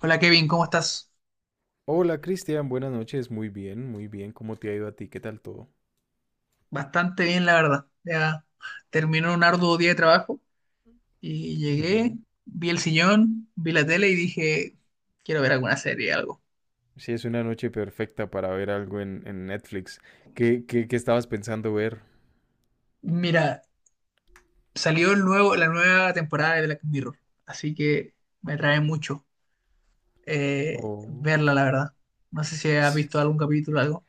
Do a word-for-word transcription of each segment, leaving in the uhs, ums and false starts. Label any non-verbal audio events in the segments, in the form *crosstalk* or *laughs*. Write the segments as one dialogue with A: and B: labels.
A: Hola Kevin, ¿cómo estás?
B: Hola Cristian, buenas noches. Muy bien, muy bien. ¿Cómo te ha ido a ti? ¿Qué tal todo?
A: Bastante bien, la verdad. Ya terminó un arduo día de trabajo y llegué,
B: Ujú.
A: vi el sillón, vi la tele y dije, quiero ver alguna serie, algo.
B: Sí, es una noche perfecta para ver algo en, en Netflix. ¿Qué, qué, qué estabas pensando ver?
A: Mira, salió el nuevo, la nueva temporada de Black Mirror, así que me trae mucho eh,
B: Oh.
A: verla, la verdad. No sé si has visto algún capítulo o algo.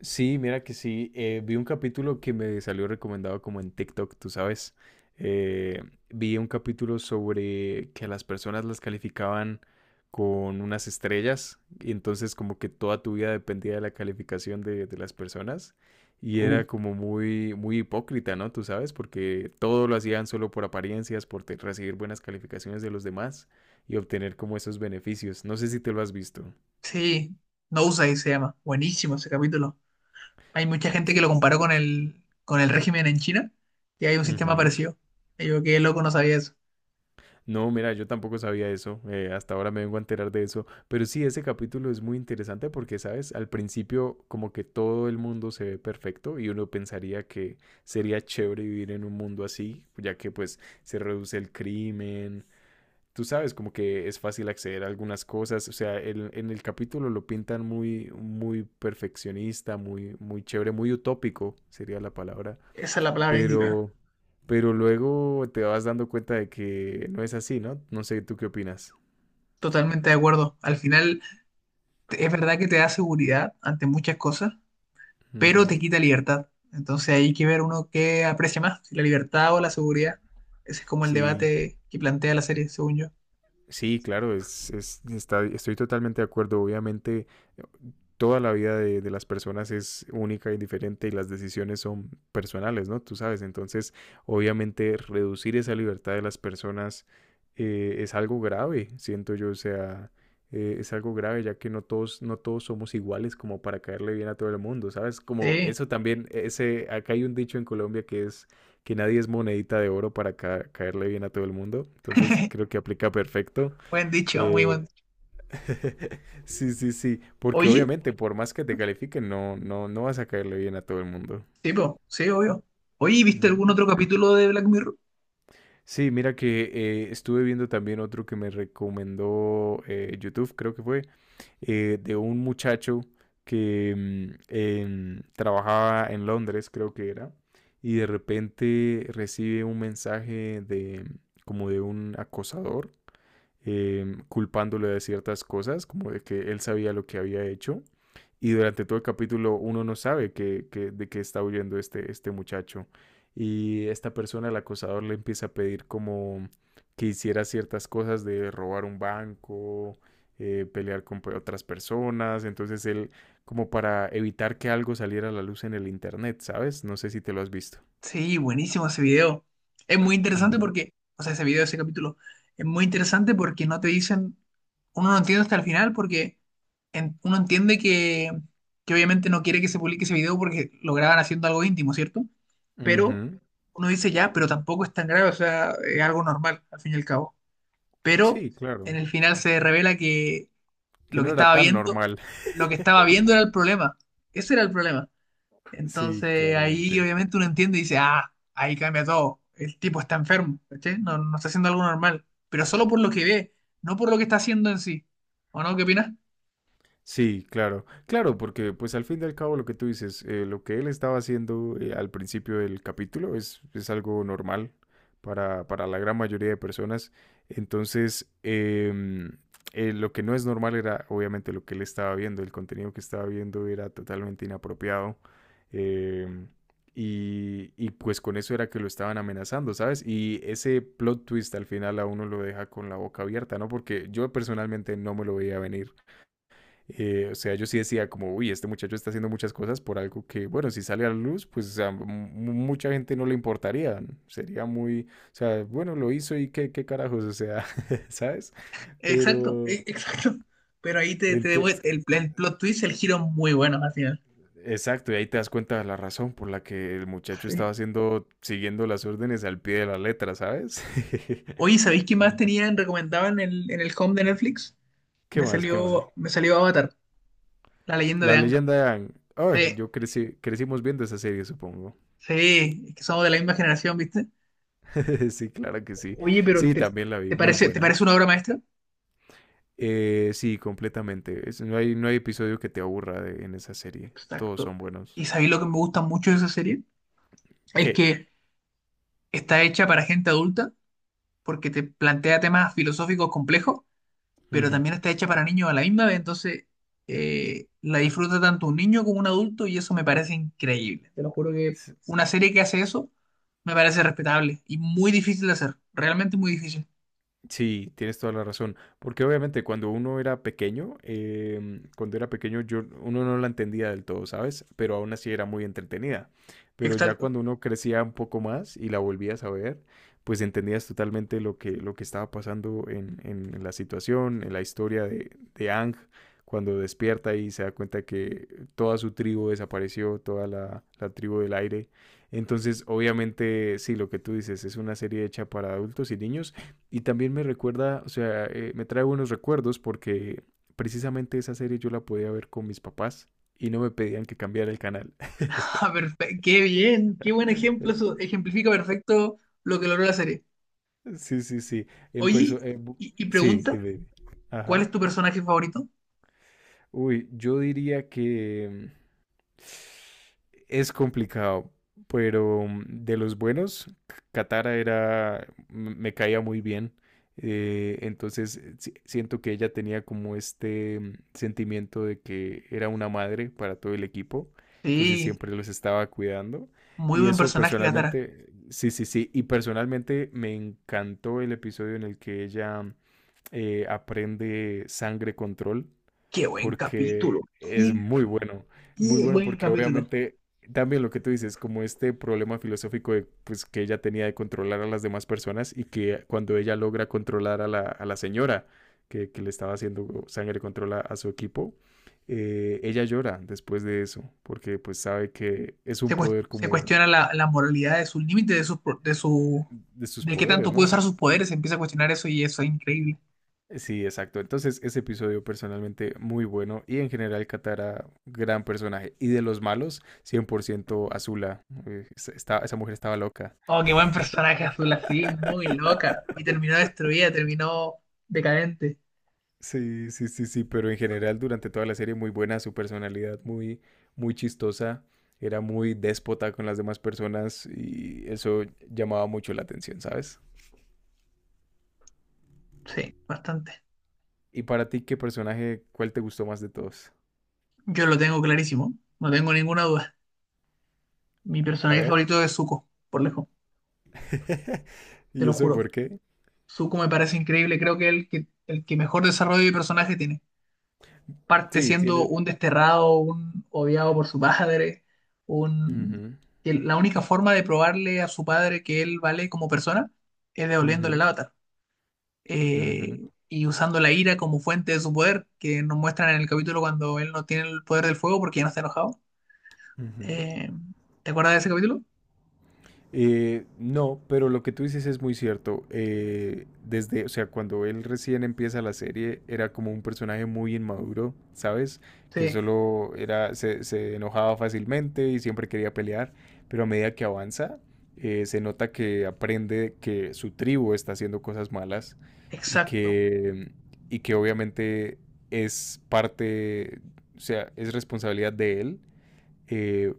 B: Sí, mira que sí. Eh, vi un capítulo que me salió recomendado como en TikTok, tú sabes. Eh, Vi un capítulo sobre que a las personas las calificaban con unas estrellas y entonces como que toda tu vida dependía de la calificación de, de las personas y
A: Uh,
B: era como muy, muy hipócrita, ¿no? Tú sabes, porque todo lo hacían solo por apariencias, por te- recibir buenas calificaciones de los demás y obtener como esos beneficios. No sé si te lo has visto.
A: sí, no se llama. Buenísimo ese capítulo. Hay mucha gente que lo comparó con el, con el régimen en China y hay un sistema parecido. Y yo, qué loco, no sabía eso.
B: No, mira, yo tampoco sabía eso, eh, hasta ahora me vengo a enterar de eso, pero sí, ese capítulo es muy interesante porque, ¿sabes? Al principio como que todo el mundo se ve perfecto y uno pensaría que sería chévere vivir en un mundo así, ya que pues se reduce el crimen, tú sabes, como que es fácil acceder a algunas cosas, o sea, el- en el capítulo lo pintan muy, muy perfeccionista, muy, muy chévere, muy utópico sería la palabra
A: Esa es la palabra indicada.
B: pero, pero luego te vas dando cuenta de que no es así, ¿no? No sé, ¿tú qué opinas?
A: Totalmente de acuerdo. Al final, te- es verdad que te da seguridad ante muchas cosas, pero te
B: Ujú.
A: quita libertad. Entonces hay que ver uno qué aprecia más, si la libertad o la seguridad. Ese es como el
B: Sí,
A: debate que plantea la serie, según yo.
B: sí, claro, es, es- está- estoy totalmente de acuerdo. Obviamente, toda la vida de, de las personas es única y diferente y las decisiones son personales, ¿no? Tú sabes, entonces, obviamente, reducir esa libertad de las personas eh, es algo grave, siento yo, o sea, eh, es algo grave ya que no todos, no todos somos iguales como para caerle bien a todo el mundo, ¿sabes? Como
A: Sí,
B: eso también, ese, acá hay un dicho en Colombia que es que nadie es monedita de oro para ca- caerle bien a todo el mundo. Entonces
A: *laughs*
B: creo que aplica perfecto.
A: buen dicho, muy buen
B: Eh,
A: dicho.
B: *laughs* sí, sí, sí, porque
A: Oye,
B: obviamente por más que te califiquen, no, no, no vas a caerle bien a todo el mundo.
A: sí, po, sí, obvio. Oye, ¿viste
B: Ujú.
A: algún otro capítulo de Black Mirror?
B: Sí, mira que eh, estuve viendo también otro que me recomendó eh, YouTube, creo que fue, eh, de un muchacho que mm, em, trabajaba en Londres, creo que era, y de repente recibe un mensaje de como de un acosador eh, culpándolo de ciertas cosas, como de que él sabía lo que había hecho. Y durante todo el capítulo uno no sabe que, que, de qué está huyendo este, este muchacho. Y esta persona, el acosador, le empieza a pedir como que hiciera ciertas cosas de robar un banco, eh, pelear con otras personas. Entonces él, como para evitar que algo saliera a la luz en el internet, ¿sabes? No sé si te lo has visto.
A: Sí, buenísimo ese video. Es muy interesante
B: Ujú.
A: porque, o sea, ese video, ese capítulo, es muy interesante porque no te dicen, uno no entiende hasta el final porque en- uno entiende que, que obviamente no quiere que se publique ese video porque lo graban haciendo algo íntimo, ¿cierto? Pero
B: Ujú.
A: uno dice ya, pero tampoco es tan grave, o sea, es algo normal, al fin y al cabo. Pero
B: Sí,
A: en
B: claro.
A: el final se revela que
B: Que
A: lo que
B: no era
A: estaba
B: tan
A: viendo,
B: normal. *laughs*
A: lo que estaba viendo era el problema. Ese era el problema.
B: Sí,
A: Entonces ahí
B: claramente.
A: obviamente uno entiende y dice, ah, ahí cambia todo. El tipo está enfermo, ¿cachai? No, no está haciendo algo normal, pero solo por lo que ve, no por lo que está haciendo en sí. ¿O no? ¿Qué opinas?
B: Sí, claro, claro, porque pues al fin y al cabo lo que tú dices, eh, lo que él estaba haciendo eh, al principio del capítulo es, es algo normal para, para la gran mayoría de personas. Entonces, em, eh, lo que no es normal era obviamente lo que él estaba viendo, el contenido que estaba viendo era totalmente inapropiado. em, y, y pues con eso era que lo estaban amenazando, ¿sabes? Y ese plot twist al final a uno lo deja con la boca abierta, ¿no? Porque yo personalmente no me lo veía venir. Eh, o sea, yo sí decía como, uy, este muchacho está haciendo muchas cosas por algo que, bueno, si sale a la luz, pues a mu- mucha gente no le importaría, ¿no? Sería muy, o sea, bueno, lo hizo y qué, qué carajos, o sea, *laughs* ¿sabes?
A: Exacto,
B: Pero,
A: e- exacto. *laughs* Pero ahí te, te devuel-
B: entonces,
A: el, el plot twist, el giro es muy bueno al final.
B: exacto, y ahí te das cuenta de la razón por la que el muchacho
A: Sí.
B: estaba haciendo, siguiendo las órdenes al pie de la letra, ¿sabes? *laughs*
A: Oye, ¿sabéis qué más tenían recomendado en el, en el home de Netflix?
B: ¿Qué
A: Me
B: más? ¿Qué más?
A: salió, me salió Avatar, la leyenda de
B: La
A: Anka.
B: leyenda de Aang.
A: Sí,
B: Ay, yo crecí, crecimos viendo esa serie, supongo.
A: sí, es que somos de la misma generación, ¿viste?
B: *laughs* Sí, claro que sí.
A: Oye, pero
B: Sí,
A: ¿te,
B: también la vi,
A: ¿te
B: muy
A: parece, te
B: buena.
A: parece una obra maestra?
B: Eh, sí, completamente. Es- no hay, no hay episodio que te aburra de- en esa serie. Todos
A: Exacto.
B: son
A: ¿Y
B: buenos.
A: sabéis lo que me gusta mucho de esa serie? Es
B: ¿Qué?
A: que está hecha para gente adulta porque te plantea temas filosóficos complejos, pero
B: Ujú.
A: también está hecha para niños a la misma vez, entonces eh, la disfruta tanto un niño como un adulto y eso me parece increíble. Te lo juro que una serie que hace eso me parece respetable y muy difícil de hacer, realmente muy difícil.
B: Sí, tienes toda la razón. Porque obviamente cuando uno era pequeño, em, cuando era pequeño yo uno no la entendía del todo, ¿sabes? Pero aún así era muy entretenida. Pero ya
A: Exacto. *laughs*
B: cuando uno crecía un poco más y la volvías a ver, pues entendías totalmente lo que, lo que estaba pasando en, en- en la situación, en la historia de, de Aang, cuando despierta y se da cuenta que toda su tribu desapareció, toda la, la tribu del aire. Entonces, obviamente, sí, lo que tú dices es una serie hecha para adultos y niños y también me recuerda, o sea, eh, me trae buenos recuerdos porque precisamente esa serie yo la podía ver con mis papás y no me pedían que cambiara el canal.
A: Ah,
B: *laughs*
A: perfe- Qué bien, qué buen ejemplo, eso ejemplifica perfecto lo que logró la serie.
B: Sí, sí, sí. En
A: Oye,
B: perso eh, bu-
A: y y
B: sí,
A: pregunta,
B: dime, dime.
A: ¿cuál
B: Ajá.
A: es tu personaje favorito?
B: Uy, yo diría que es complicado, pero mm, de los buenos, Katara era, me caía muy bien. Eh, entonces eh, si- siento que ella tenía como este mm, sentimiento de que era una madre para todo el equipo, entonces
A: Sí,
B: siempre los estaba cuidando.
A: muy
B: Y
A: buen
B: eso
A: personaje, Katara.
B: personalmente, sí, sí, sí, y personalmente me encantó el episodio en el que ella eh, aprende sangre control
A: Qué buen capítulo.
B: porque es
A: Qué,
B: muy bueno, muy
A: qué
B: bueno
A: buen
B: porque
A: capítulo.
B: obviamente también lo que tú dices, como este problema filosófico de, pues, que ella tenía de controlar a las demás personas y que cuando ella logra controlar a la, a la señora que, que le estaba haciendo sangre controla a a su equipo, eh, ella llora después de eso, porque pues sabe que es un
A: Se, cues-
B: poder
A: se
B: como
A: cuestiona la, la moralidad de sus límites, de su, de su,
B: de sus
A: de qué
B: poderes,
A: tanto
B: ¿no?
A: puede usar sus poderes. Se empieza a cuestionar eso y eso es increíble.
B: Sí, exacto. Entonces, ese episodio personalmente muy bueno y en general Katara, gran personaje. Y de los malos, cien por ciento Azula. Eh, es- esta- esa mujer estaba loca.
A: Oh, qué buen personaje azul, así, muy loca. Y terminó destruida, terminó decadente.
B: Sí, sí, sí, sí, pero en general durante toda la serie muy buena, su personalidad muy, muy chistosa. Era muy déspota con las demás personas y eso llamaba mucho la atención, ¿sabes?
A: Sí, bastante.
B: Y para ti, ¿qué personaje, cuál te gustó más de todos?
A: Yo lo tengo clarísimo, no tengo ninguna duda. Mi
B: A
A: personaje
B: ver.
A: favorito es Zuko, por lejos,
B: *laughs*
A: te
B: ¿Y
A: lo
B: eso
A: juro.
B: por qué?
A: Zuko me parece increíble, creo que es el que, el que mejor desarrollo de personaje tiene. Parte
B: Sí,
A: siendo
B: tiene...
A: un desterrado, un odiado por su padre, un...
B: Ujú,
A: que la única forma de probarle a su padre que él vale como persona es devolviéndole el
B: ujú.
A: avatar.
B: Ujú.
A: Eh, y usando la ira como fuente de su poder, que nos muestran en el capítulo cuando él no tiene el poder del fuego porque ya no está enojado.
B: Ujú.
A: Eh, ¿te acuerdas de ese capítulo?
B: Eh, no, pero lo que tú dices es muy cierto. Eh, desde, o sea, cuando él recién empieza la serie, era como un personaje muy inmaduro, ¿sabes? Que
A: Sí,
B: solo era, se, se enojaba fácilmente y siempre quería pelear, pero a medida que avanza, eh, se nota que aprende que su tribu está haciendo cosas malas y
A: exacto.
B: que, y que obviamente es parte, o sea, es responsabilidad de él eh,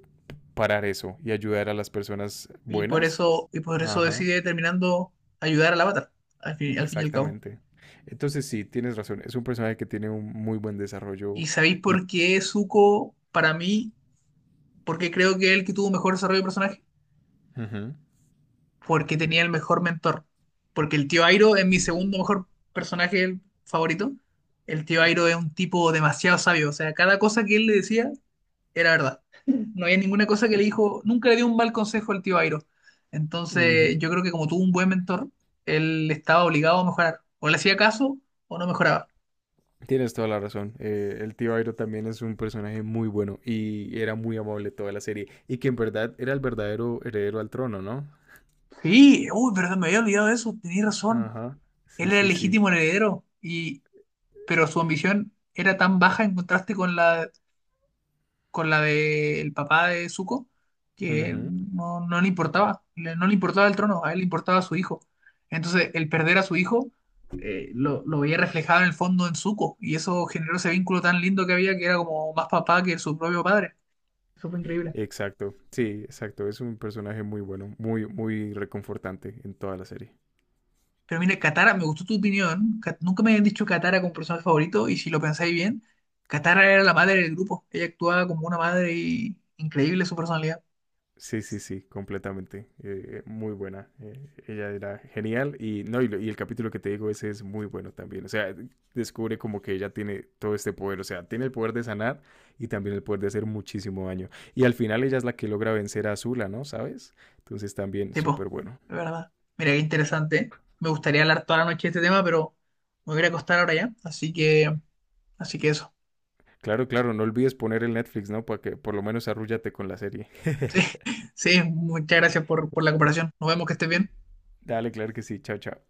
B: parar eso y ayudar a las personas
A: Y por
B: buenas.
A: eso, y por eso
B: Ajá,
A: decide terminando ayudar al avatar, al fin, al fin y al cabo.
B: exactamente. Entonces sí, tienes razón. Es un personaje que tiene un muy buen desarrollo
A: ¿Y sabéis
B: y...
A: por qué Zuko, para mí, ¿por qué creo que él que tuvo mejor desarrollo de personaje?
B: Ujú.
A: Porque tenía el mejor mentor. Porque el tío Airo es mi segundo mejor personaje el favorito. El tío Airo es un tipo demasiado sabio. O sea, cada cosa que él le decía era verdad. No había ninguna cosa que
B: Sí.
A: le dijo, nunca le dio un mal consejo al tío Airo. Entonces, yo
B: Ujú.
A: creo que como tuvo un buen mentor, él estaba obligado a mejorar. O le hacía caso o no mejoraba.
B: Tienes toda la razón. Eh, el tío Airo también es un personaje muy bueno y era muy amable toda la serie. Y que en verdad era el verdadero heredero al trono, ¿no?
A: Sí, uy, pero me había olvidado de eso, tenías razón.
B: Ajá.
A: Él
B: Sí,
A: era el
B: sí, sí.
A: legítimo heredero y, pero su ambición era tan baja en contraste con la, con la del papá de Zuko que
B: Ujú.
A: no, no le importaba, le- no le importaba el trono, a él le importaba su hijo. Entonces, el perder a su hijo eh, lo, lo veía reflejado en el fondo en Zuko y eso generó ese vínculo tan lindo que había que era como más papá que su propio padre. Eso fue increíble.
B: Exacto. Sí, exacto. Es un personaje muy bueno, muy, muy reconfortante en toda la serie.
A: Pero mira Katara, me gustó tu opinión. Ka- Nunca me habían dicho Katara como personaje favorito y si lo pensáis bien, Katara era la madre del grupo. Ella actuaba como una madre y increíble su personalidad.
B: Sí, sí, sí, completamente. Eh, muy buena. Eh, ella era genial. Y, no, y, lo- y el capítulo que te digo, ese es muy bueno también. O sea, descubre como que ella tiene todo este poder. O sea, tiene el poder de sanar y también el poder de hacer muchísimo daño. Y al final ella es la que logra vencer a Azula, ¿no? ¿Sabes? Entonces también
A: Tipo,
B: súper bueno.
A: es verdad. Mira, qué interesante, ¿eh? Me gustaría hablar toda la noche de este tema, pero me voy a ir a acostar ahora ya. Así que, así que eso.
B: Claro, claro, no olvides poner el Netflix, ¿no? Para que por lo menos arrúllate con la serie.
A: *laughs* Sí,
B: *laughs*
A: sí, muchas gracias por, por la cooperación. Nos vemos, que estés bien.
B: Dale, claro que sí. Chao, chao.